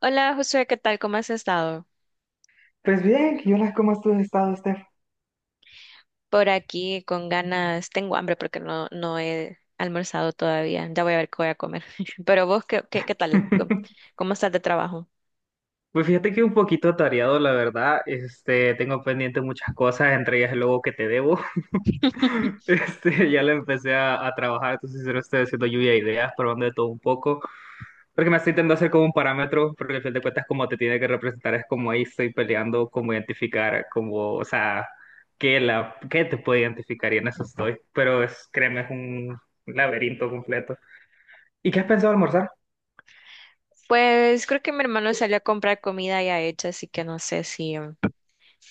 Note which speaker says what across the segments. Speaker 1: Hola Josué, ¿qué tal? ¿Cómo has estado?
Speaker 2: Pues bien, ¿y hola, cómo has tú estado, Steph?
Speaker 1: Por aquí con ganas, tengo hambre porque no he almorzado todavía. Ya voy a ver qué voy a comer. Pero vos, ¿qué tal? ¿Cómo, cómo estás de trabajo?
Speaker 2: Pues fíjate que un poquito atareado, la verdad. Este, tengo pendiente muchas cosas, entre ellas el logo que te debo. Este, ya le empecé a trabajar, entonces sincero, estoy haciendo lluvia de ideas, probando de todo un poco. Porque me estoy intentando hacer como un parámetro, porque al fin de cuentas, como te tiene que representar, es como ahí estoy peleando, como identificar, como, o sea, qué te puede identificar, y en eso estoy. Pero es, créeme, es un laberinto completo. ¿Y qué has pensado almorzar?
Speaker 1: Pues creo que mi hermano salió a comprar comida ya hecha, así que no sé si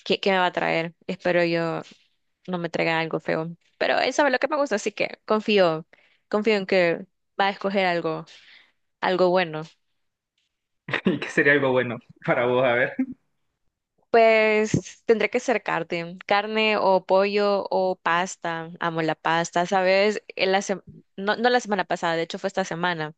Speaker 1: qué me va a traer. Espero yo no me traiga algo feo. Pero él sabe lo que me gusta, así que confío en que va a escoger algo bueno.
Speaker 2: ¿Y qué sería algo bueno para vos? A ver.
Speaker 1: Pues tendría que ser carne o pollo o pasta. Amo la pasta, ¿sabes? No la semana pasada, de hecho fue esta semana.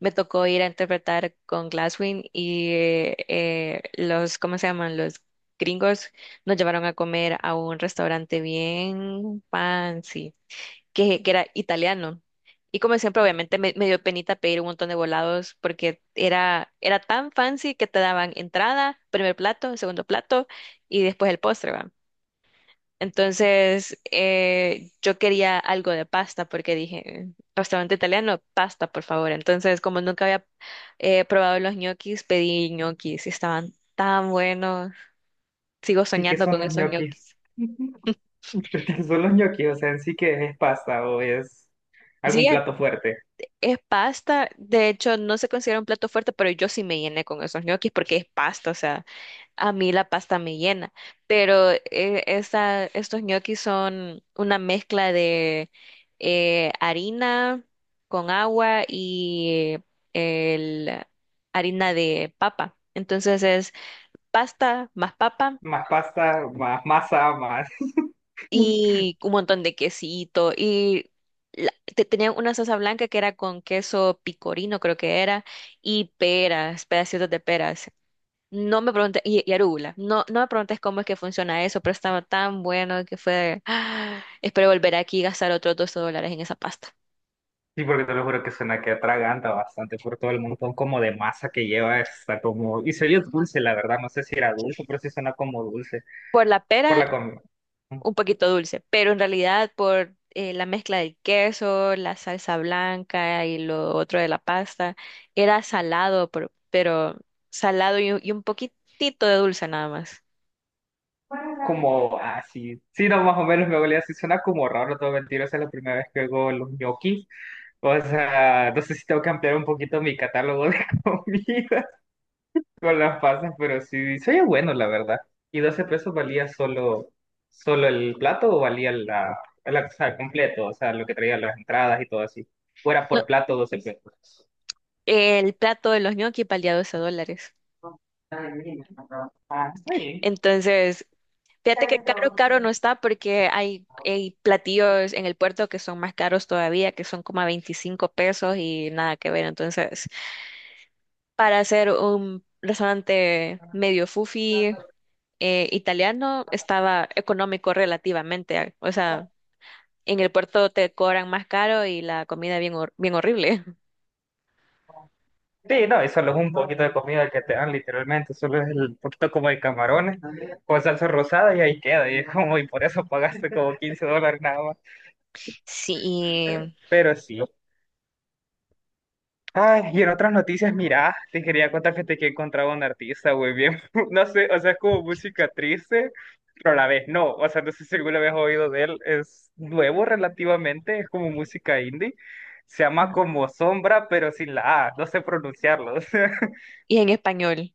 Speaker 1: Me tocó ir a interpretar con Glasswing y los, ¿cómo se llaman? Los gringos nos llevaron a comer a un restaurante bien fancy que era italiano. Y como siempre, obviamente me dio penita pedir un montón de volados porque era tan fancy que te daban entrada, primer plato, segundo plato y después el postre, ¿va? Entonces, yo quería algo de pasta porque dije, restaurante italiano, pasta, por favor. Entonces, como nunca había probado los ñoquis, pedí ñoquis y estaban tan buenos. Sigo
Speaker 2: ¿Y qué
Speaker 1: soñando
Speaker 2: son
Speaker 1: con
Speaker 2: los
Speaker 1: esos
Speaker 2: ñoquis?
Speaker 1: ñoquis.
Speaker 2: ¿Pero qué son los ñoquis? O sea, en sí, que es? ¿Pasta o es algún
Speaker 1: Sí,
Speaker 2: plato fuerte?
Speaker 1: es pasta, de hecho no se considera un plato fuerte, pero yo sí me llené con esos ñoquis porque es pasta, o sea, a mí la pasta me llena, pero estos ñoquis son una mezcla de harina con agua y el, harina de papa, entonces es pasta más papa
Speaker 2: Más pasta, más masa, más...
Speaker 1: y un montón de quesito y tenían una salsa blanca que era con queso picorino, creo que era, y peras, pedacitos de peras. No me preguntes, y arúgula, no me preguntes cómo es que funciona eso, pero estaba tan bueno que fue, ¡ah! Espero volver aquí y gastar otros $2 en esa pasta.
Speaker 2: Sí, porque te lo juro que suena que atraganta bastante por todo el montón como de masa que lleva. Está como... Y se oye dulce, la verdad. No sé si era dulce, pero sí suena como dulce.
Speaker 1: Por la
Speaker 2: Por
Speaker 1: pera
Speaker 2: la comida.
Speaker 1: un poquito dulce, pero en realidad por la mezcla del queso, la salsa blanca y lo otro de la pasta, era salado, pero, salado y, un poquitito de dulce nada más.
Speaker 2: Como así. Sí, sí, no, más o menos me olía así. Suena como raro, no te voy a mentir. Esa es la primera vez que oigo los ñoquis. O sea, no sé si tengo que ampliar un poquito mi catálogo de comidas con las pasas, pero sí, se oye bueno, la verdad. ¿Y 12 pesos valía solo el plato o valía o sea, completo? O sea, lo que traía las entradas y todo así. Fuera
Speaker 1: No,
Speaker 2: por plato 12 pesos.
Speaker 1: el plato de los ñoquis valía $12.
Speaker 2: Ah, está bien.
Speaker 1: Entonces, fíjate que caro no está porque hay platillos en el puerto que son más caros todavía, que son como a 25 pesos y nada que ver. Entonces, para hacer un restaurante medio fufi, italiano estaba económico relativamente. O sea, en el puerto te cobran más caro y la comida bien horrible.
Speaker 2: Sí, no, y solo es un poquito de comida que te dan, literalmente. Solo es el poquito como de camarones con salsa rosada y ahí queda. Y es como, y por eso pagaste como 15 dólares nada más.
Speaker 1: Sí,
Speaker 2: Pero sí. Ay, y en otras noticias, mira, te quería contar, fíjate, que he encontrado a un artista, güey, bien, no sé, o sea, es como música triste, pero a la vez no, o sea, no sé si alguna vez has oído de él, es nuevo relativamente, es como música indie, se llama como Sombra, pero sin la A, no sé pronunciarlo, o sea,
Speaker 1: y en español.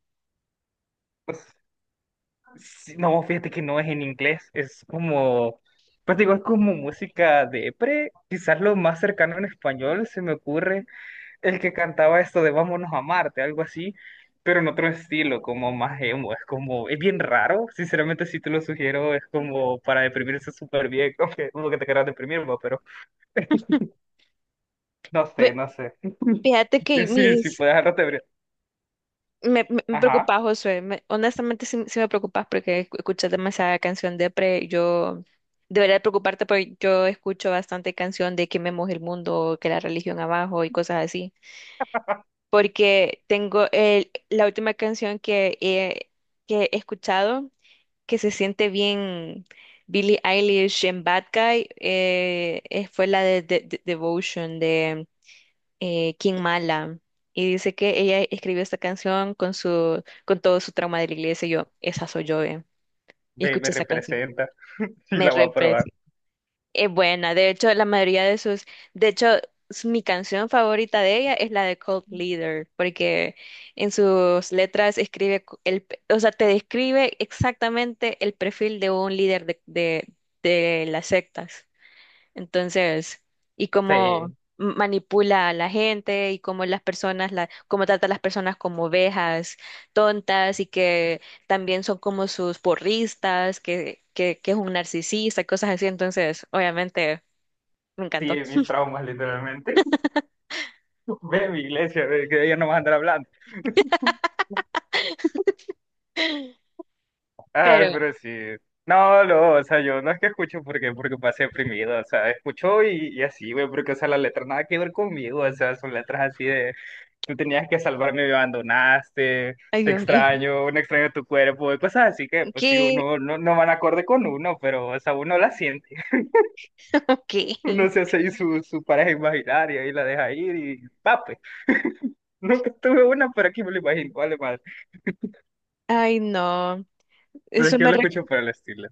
Speaker 2: sí, no, fíjate que no es en inglés, es como, pues digo, es como música de pre, quizás lo más cercano en español se me ocurre, el que cantaba esto de Vámonos a Marte, algo así, pero en otro estilo, como más emo, es como, es bien raro, sinceramente si te lo sugiero, es como para deprimirse súper bien, como que uno que te quieras deprimir, ¿no? Pero no sé,
Speaker 1: Ve-
Speaker 2: no sé.
Speaker 1: Fíjate
Speaker 2: Yo
Speaker 1: que
Speaker 2: sí, sí
Speaker 1: mis...
Speaker 2: puedes dejarlo te
Speaker 1: Me preocupa,
Speaker 2: ajá,
Speaker 1: Josué. Honestamente, sí me preocupas porque escuchas demasiada canción depre. Yo debería preocuparte porque yo escucho bastante canción de que me moje el mundo, que la religión abajo y cosas así. Porque tengo la última canción que he escuchado que se siente bien Billie Eilish en Bad Guy fue la de Devotion de King Mala. Y dice que ella escribió esta canción con su, con todo su trauma de la iglesia. Y yo, esa soy yo, eh. Y
Speaker 2: ve, me
Speaker 1: escuché esa canción.
Speaker 2: representa, sí
Speaker 1: Me
Speaker 2: la voy a
Speaker 1: representa.
Speaker 2: probar,
Speaker 1: Es buena, de hecho, la mayoría de sus, de hecho, mi canción favorita de ella es la de Cult Leader, porque en sus letras escribe o sea, te describe exactamente el perfil de un líder de las sectas. Entonces, y cómo
Speaker 2: sí,
Speaker 1: manipula a la gente y cómo las personas, la, cómo trata a las personas como ovejas tontas y que también son como sus porristas, que es un narcisista, cosas así. Entonces, obviamente, me
Speaker 2: sí,
Speaker 1: encantó.
Speaker 2: mis traumas literalmente, ve a mi iglesia, ve, que ella no va a andar hablando. Ay,
Speaker 1: Pero,
Speaker 2: pero sí. No, no, o sea, yo no es que escucho porque, porque pase deprimido, o sea, escucho y así, güey, porque, o sea, la letra nada que ver conmigo, o sea, son letras así de, tú tenías que salvarme, me abandonaste,
Speaker 1: ay
Speaker 2: te
Speaker 1: Dios mío,
Speaker 2: extraño, un extraño de tu cuerpo, y cosas así que, pues sí,
Speaker 1: ¿qué?
Speaker 2: uno no, no van acorde con uno, pero, o sea, uno la siente,
Speaker 1: ¿Qué?
Speaker 2: uno se hace ahí su pareja imaginaria y la deja ir y, pape, nunca tuve una, pero aquí me lo imagino, vale, madre,
Speaker 1: Ay no,
Speaker 2: pero es
Speaker 1: eso
Speaker 2: que yo
Speaker 1: me,
Speaker 2: lo
Speaker 1: re-
Speaker 2: escucho por el estilo.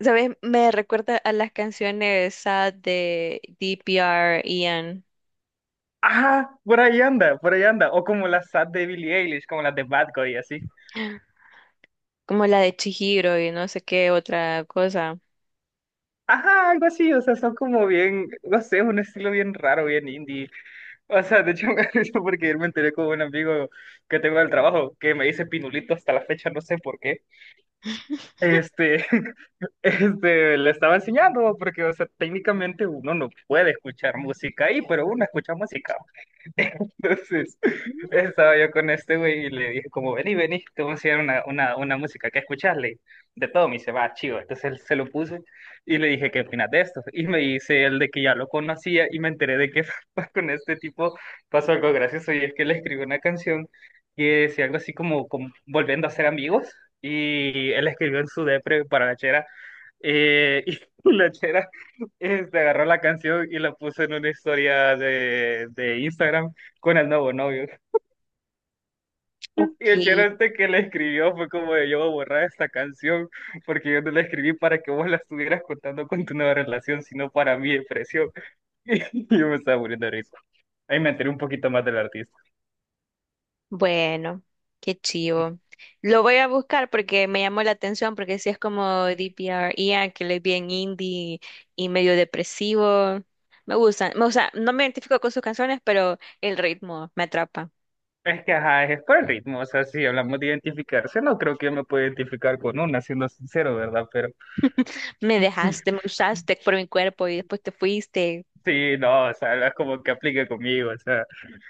Speaker 1: ¿sabes? Me recuerda a las canciones sad de D P R Ian,
Speaker 2: Ajá, por ahí anda, por ahí anda. O como las sad de Billie Eilish, como las de Bad Guy, así.
Speaker 1: como la de Chihiro y no sé qué otra cosa.
Speaker 2: Ajá, algo así, o sea, son como bien, no sé, un estilo bien raro, bien indie. O sea, de hecho, me da risa porque ayer me enteré con un amigo que tengo del trabajo que me dice Pinulito hasta la fecha, no sé por qué. Este, este, le estaba enseñando, porque, o sea, técnicamente uno no puede escuchar música ahí, pero uno escucha música. Entonces,
Speaker 1: Mm.
Speaker 2: estaba yo con este güey y le dije como, vení, vení, te voy a enseñar una música que escucharle. De todo me dice, va, chido. Entonces él se lo puse y le dije, ¿qué opinas de esto? Y me dice él de que ya lo conocía y me enteré de que con este tipo pasó algo gracioso y es que le escribió una canción que decía algo así como, como volviendo a ser amigos y él escribió en su depre para la chera, eh, y la chera, este, agarró la canción y la puso en una historia de Instagram con el nuevo novio.
Speaker 1: Ok,
Speaker 2: Y el chero este que le escribió fue como de, yo voy a borrar esta canción porque yo no la escribí para que vos la estuvieras contando con tu nueva relación, sino para mi depresión. Y yo me estaba muriendo de risa. Ahí me enteré un poquito más del artista.
Speaker 1: bueno, qué chivo. Lo voy a buscar porque me llamó la atención, porque si es como DPR, Ian, que le es bien indie y medio depresivo. Me gustan, me O sea, no me identifico con sus canciones, pero el ritmo me atrapa.
Speaker 2: Es que, ajá, es por el ritmo. O sea, si hablamos de identificarse, no creo que yo me pueda identificar con una, siendo sincero, ¿verdad? Pero
Speaker 1: Me dejaste, me usaste por mi cuerpo y después te fuiste.
Speaker 2: sí, no, o sea, es como que aplique conmigo, o sea.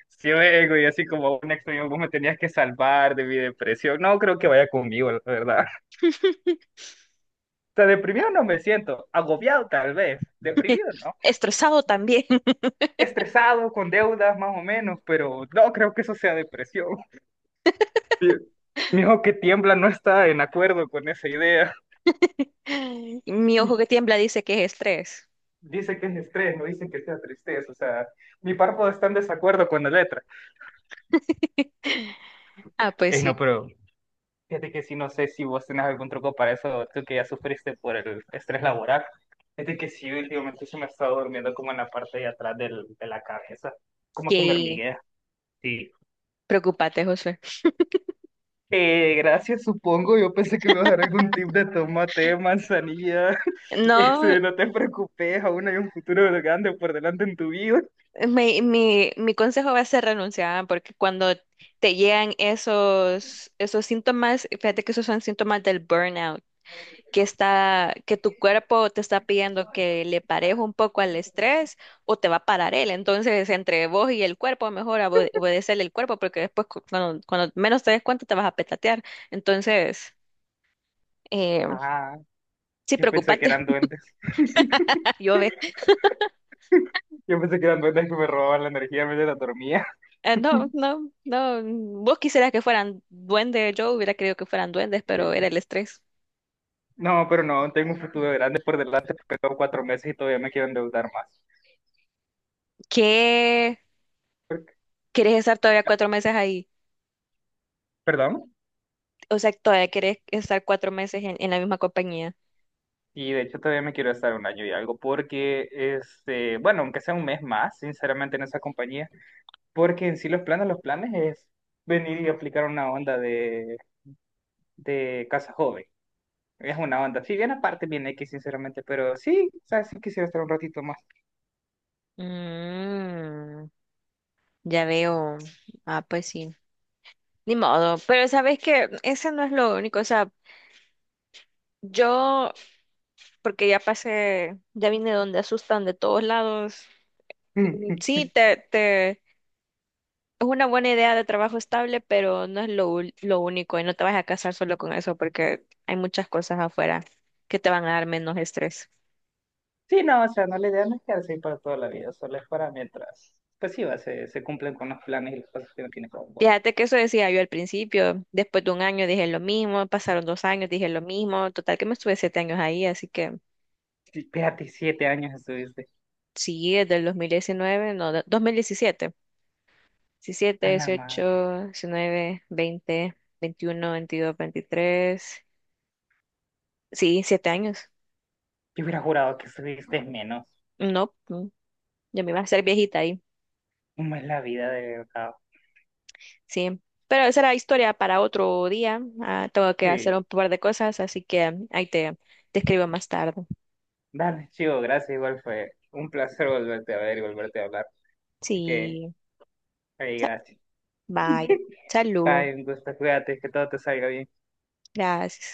Speaker 2: Sí, ego y así como un extraño, vos me tenías que salvar de mi depresión. No creo que vaya conmigo, la verdad. O sea, deprimido no me siento, agobiado tal vez, ¿deprimido? ¿No?
Speaker 1: Estresado también.
Speaker 2: Estresado, con deudas más o menos, pero no creo que eso sea depresión. Mi mi hijo que tiembla no está en acuerdo con esa idea.
Speaker 1: Mi ojo que tiembla dice que es estrés.
Speaker 2: Dice que es estrés, no dice que sea tristeza, o sea, mi párpado está en desacuerdo con la letra.
Speaker 1: Ah, pues
Speaker 2: Ey, no,
Speaker 1: sí,
Speaker 2: pero fíjate que sí, no sé si vos tenés algún truco para eso, tú que ya sufriste por el estrés laboral. Fíjate que sí, últimamente se me ha estado durmiendo como en la parte de atrás de la cabeza, como que me
Speaker 1: que
Speaker 2: hormiguea. Sí.
Speaker 1: preocupate, Josué.
Speaker 2: Gracias, supongo. Yo pensé que me ibas a dar algún tip de tomate, manzanilla.
Speaker 1: No,
Speaker 2: Ese, no te preocupes, aún hay un futuro grande por delante en tu vida.
Speaker 1: mi consejo va a ser renunciar, porque cuando te llegan esos síntomas, fíjate que esos son síntomas del burnout, que tu cuerpo te está pidiendo que le parejo un poco al estrés o te va a parar él. Entonces, entre vos y el cuerpo, mejor obedecerle el cuerpo, porque después cuando menos te des cuenta te vas a petatear. Entonces, eh,
Speaker 2: Ah,
Speaker 1: sí,
Speaker 2: yo pensé que
Speaker 1: preocupate.
Speaker 2: eran duendes.
Speaker 1: Yo,
Speaker 2: Yo pensé que eran duendes que me robaban la energía mientras dormía.
Speaker 1: eh, no, no, no. Vos quisieras que fueran duendes, yo hubiera querido que fueran duendes, pero era el estrés.
Speaker 2: No, pero no, tengo un futuro grande por delante, porque tengo 4 meses y todavía me quiero endeudar más.
Speaker 1: ¿Qué? ¿Querés estar todavía 4 meses ahí?
Speaker 2: ¿Perdón?
Speaker 1: O sea, todavía querés estar 4 meses en la misma compañía.
Speaker 2: Y de hecho todavía me quiero estar un año y algo, porque, este, bueno, aunque sea un mes más, sinceramente, en esa compañía, porque en sí los planes es venir y aplicar una onda de casa joven. Es una onda, si bien aparte viene X, sinceramente, pero sí, o sea, sí quisiera estar un ratito más.
Speaker 1: Mm, ya veo. Ah, pues sí. Ni modo. Pero sabes que ese no es lo único. O sea, yo, porque ya pasé, ya vine donde asustan de todos lados. Mm. Sí, es una buena idea de trabajo estable, pero no es lo único y no te vas a casar solo con eso porque hay muchas cosas afuera que te van a dar menos estrés.
Speaker 2: Sí, no, o sea, no, la idea no es quedarse ahí para toda la vida, solo es para mientras, pues sí, va, se cumplen con los planes y las cosas que no tiene como
Speaker 1: Fíjate que eso decía yo al principio, después de 1 año dije lo mismo, pasaron 2 años, dije lo mismo, total que me estuve 7 años ahí, así que
Speaker 2: sí. Espérate, 7 años estuviste.
Speaker 1: sí, desde el 2019 no, de- 2017, 17 17,
Speaker 2: A la madre.
Speaker 1: 18 19 20 21 22 23 sí, 7 años,
Speaker 2: Yo hubiera jurado que estuviste menos.
Speaker 1: no, mm, ya me iba a hacer viejita.
Speaker 2: ¿Cómo es la vida de verdad?
Speaker 1: Sí, pero esa era historia para otro día. Ah, tengo que hacer un
Speaker 2: Sí.
Speaker 1: par de cosas, así que ahí te escribo más tarde.
Speaker 2: Dale, chico, gracias. Igual fue un placer volverte a ver y volverte a hablar. Así que,
Speaker 1: Sí,
Speaker 2: ahí,
Speaker 1: sa-
Speaker 2: gracias.
Speaker 1: vaya. Salud.
Speaker 2: Bye, un gusto. Cuídate, que todo te salga bien.
Speaker 1: Gracias.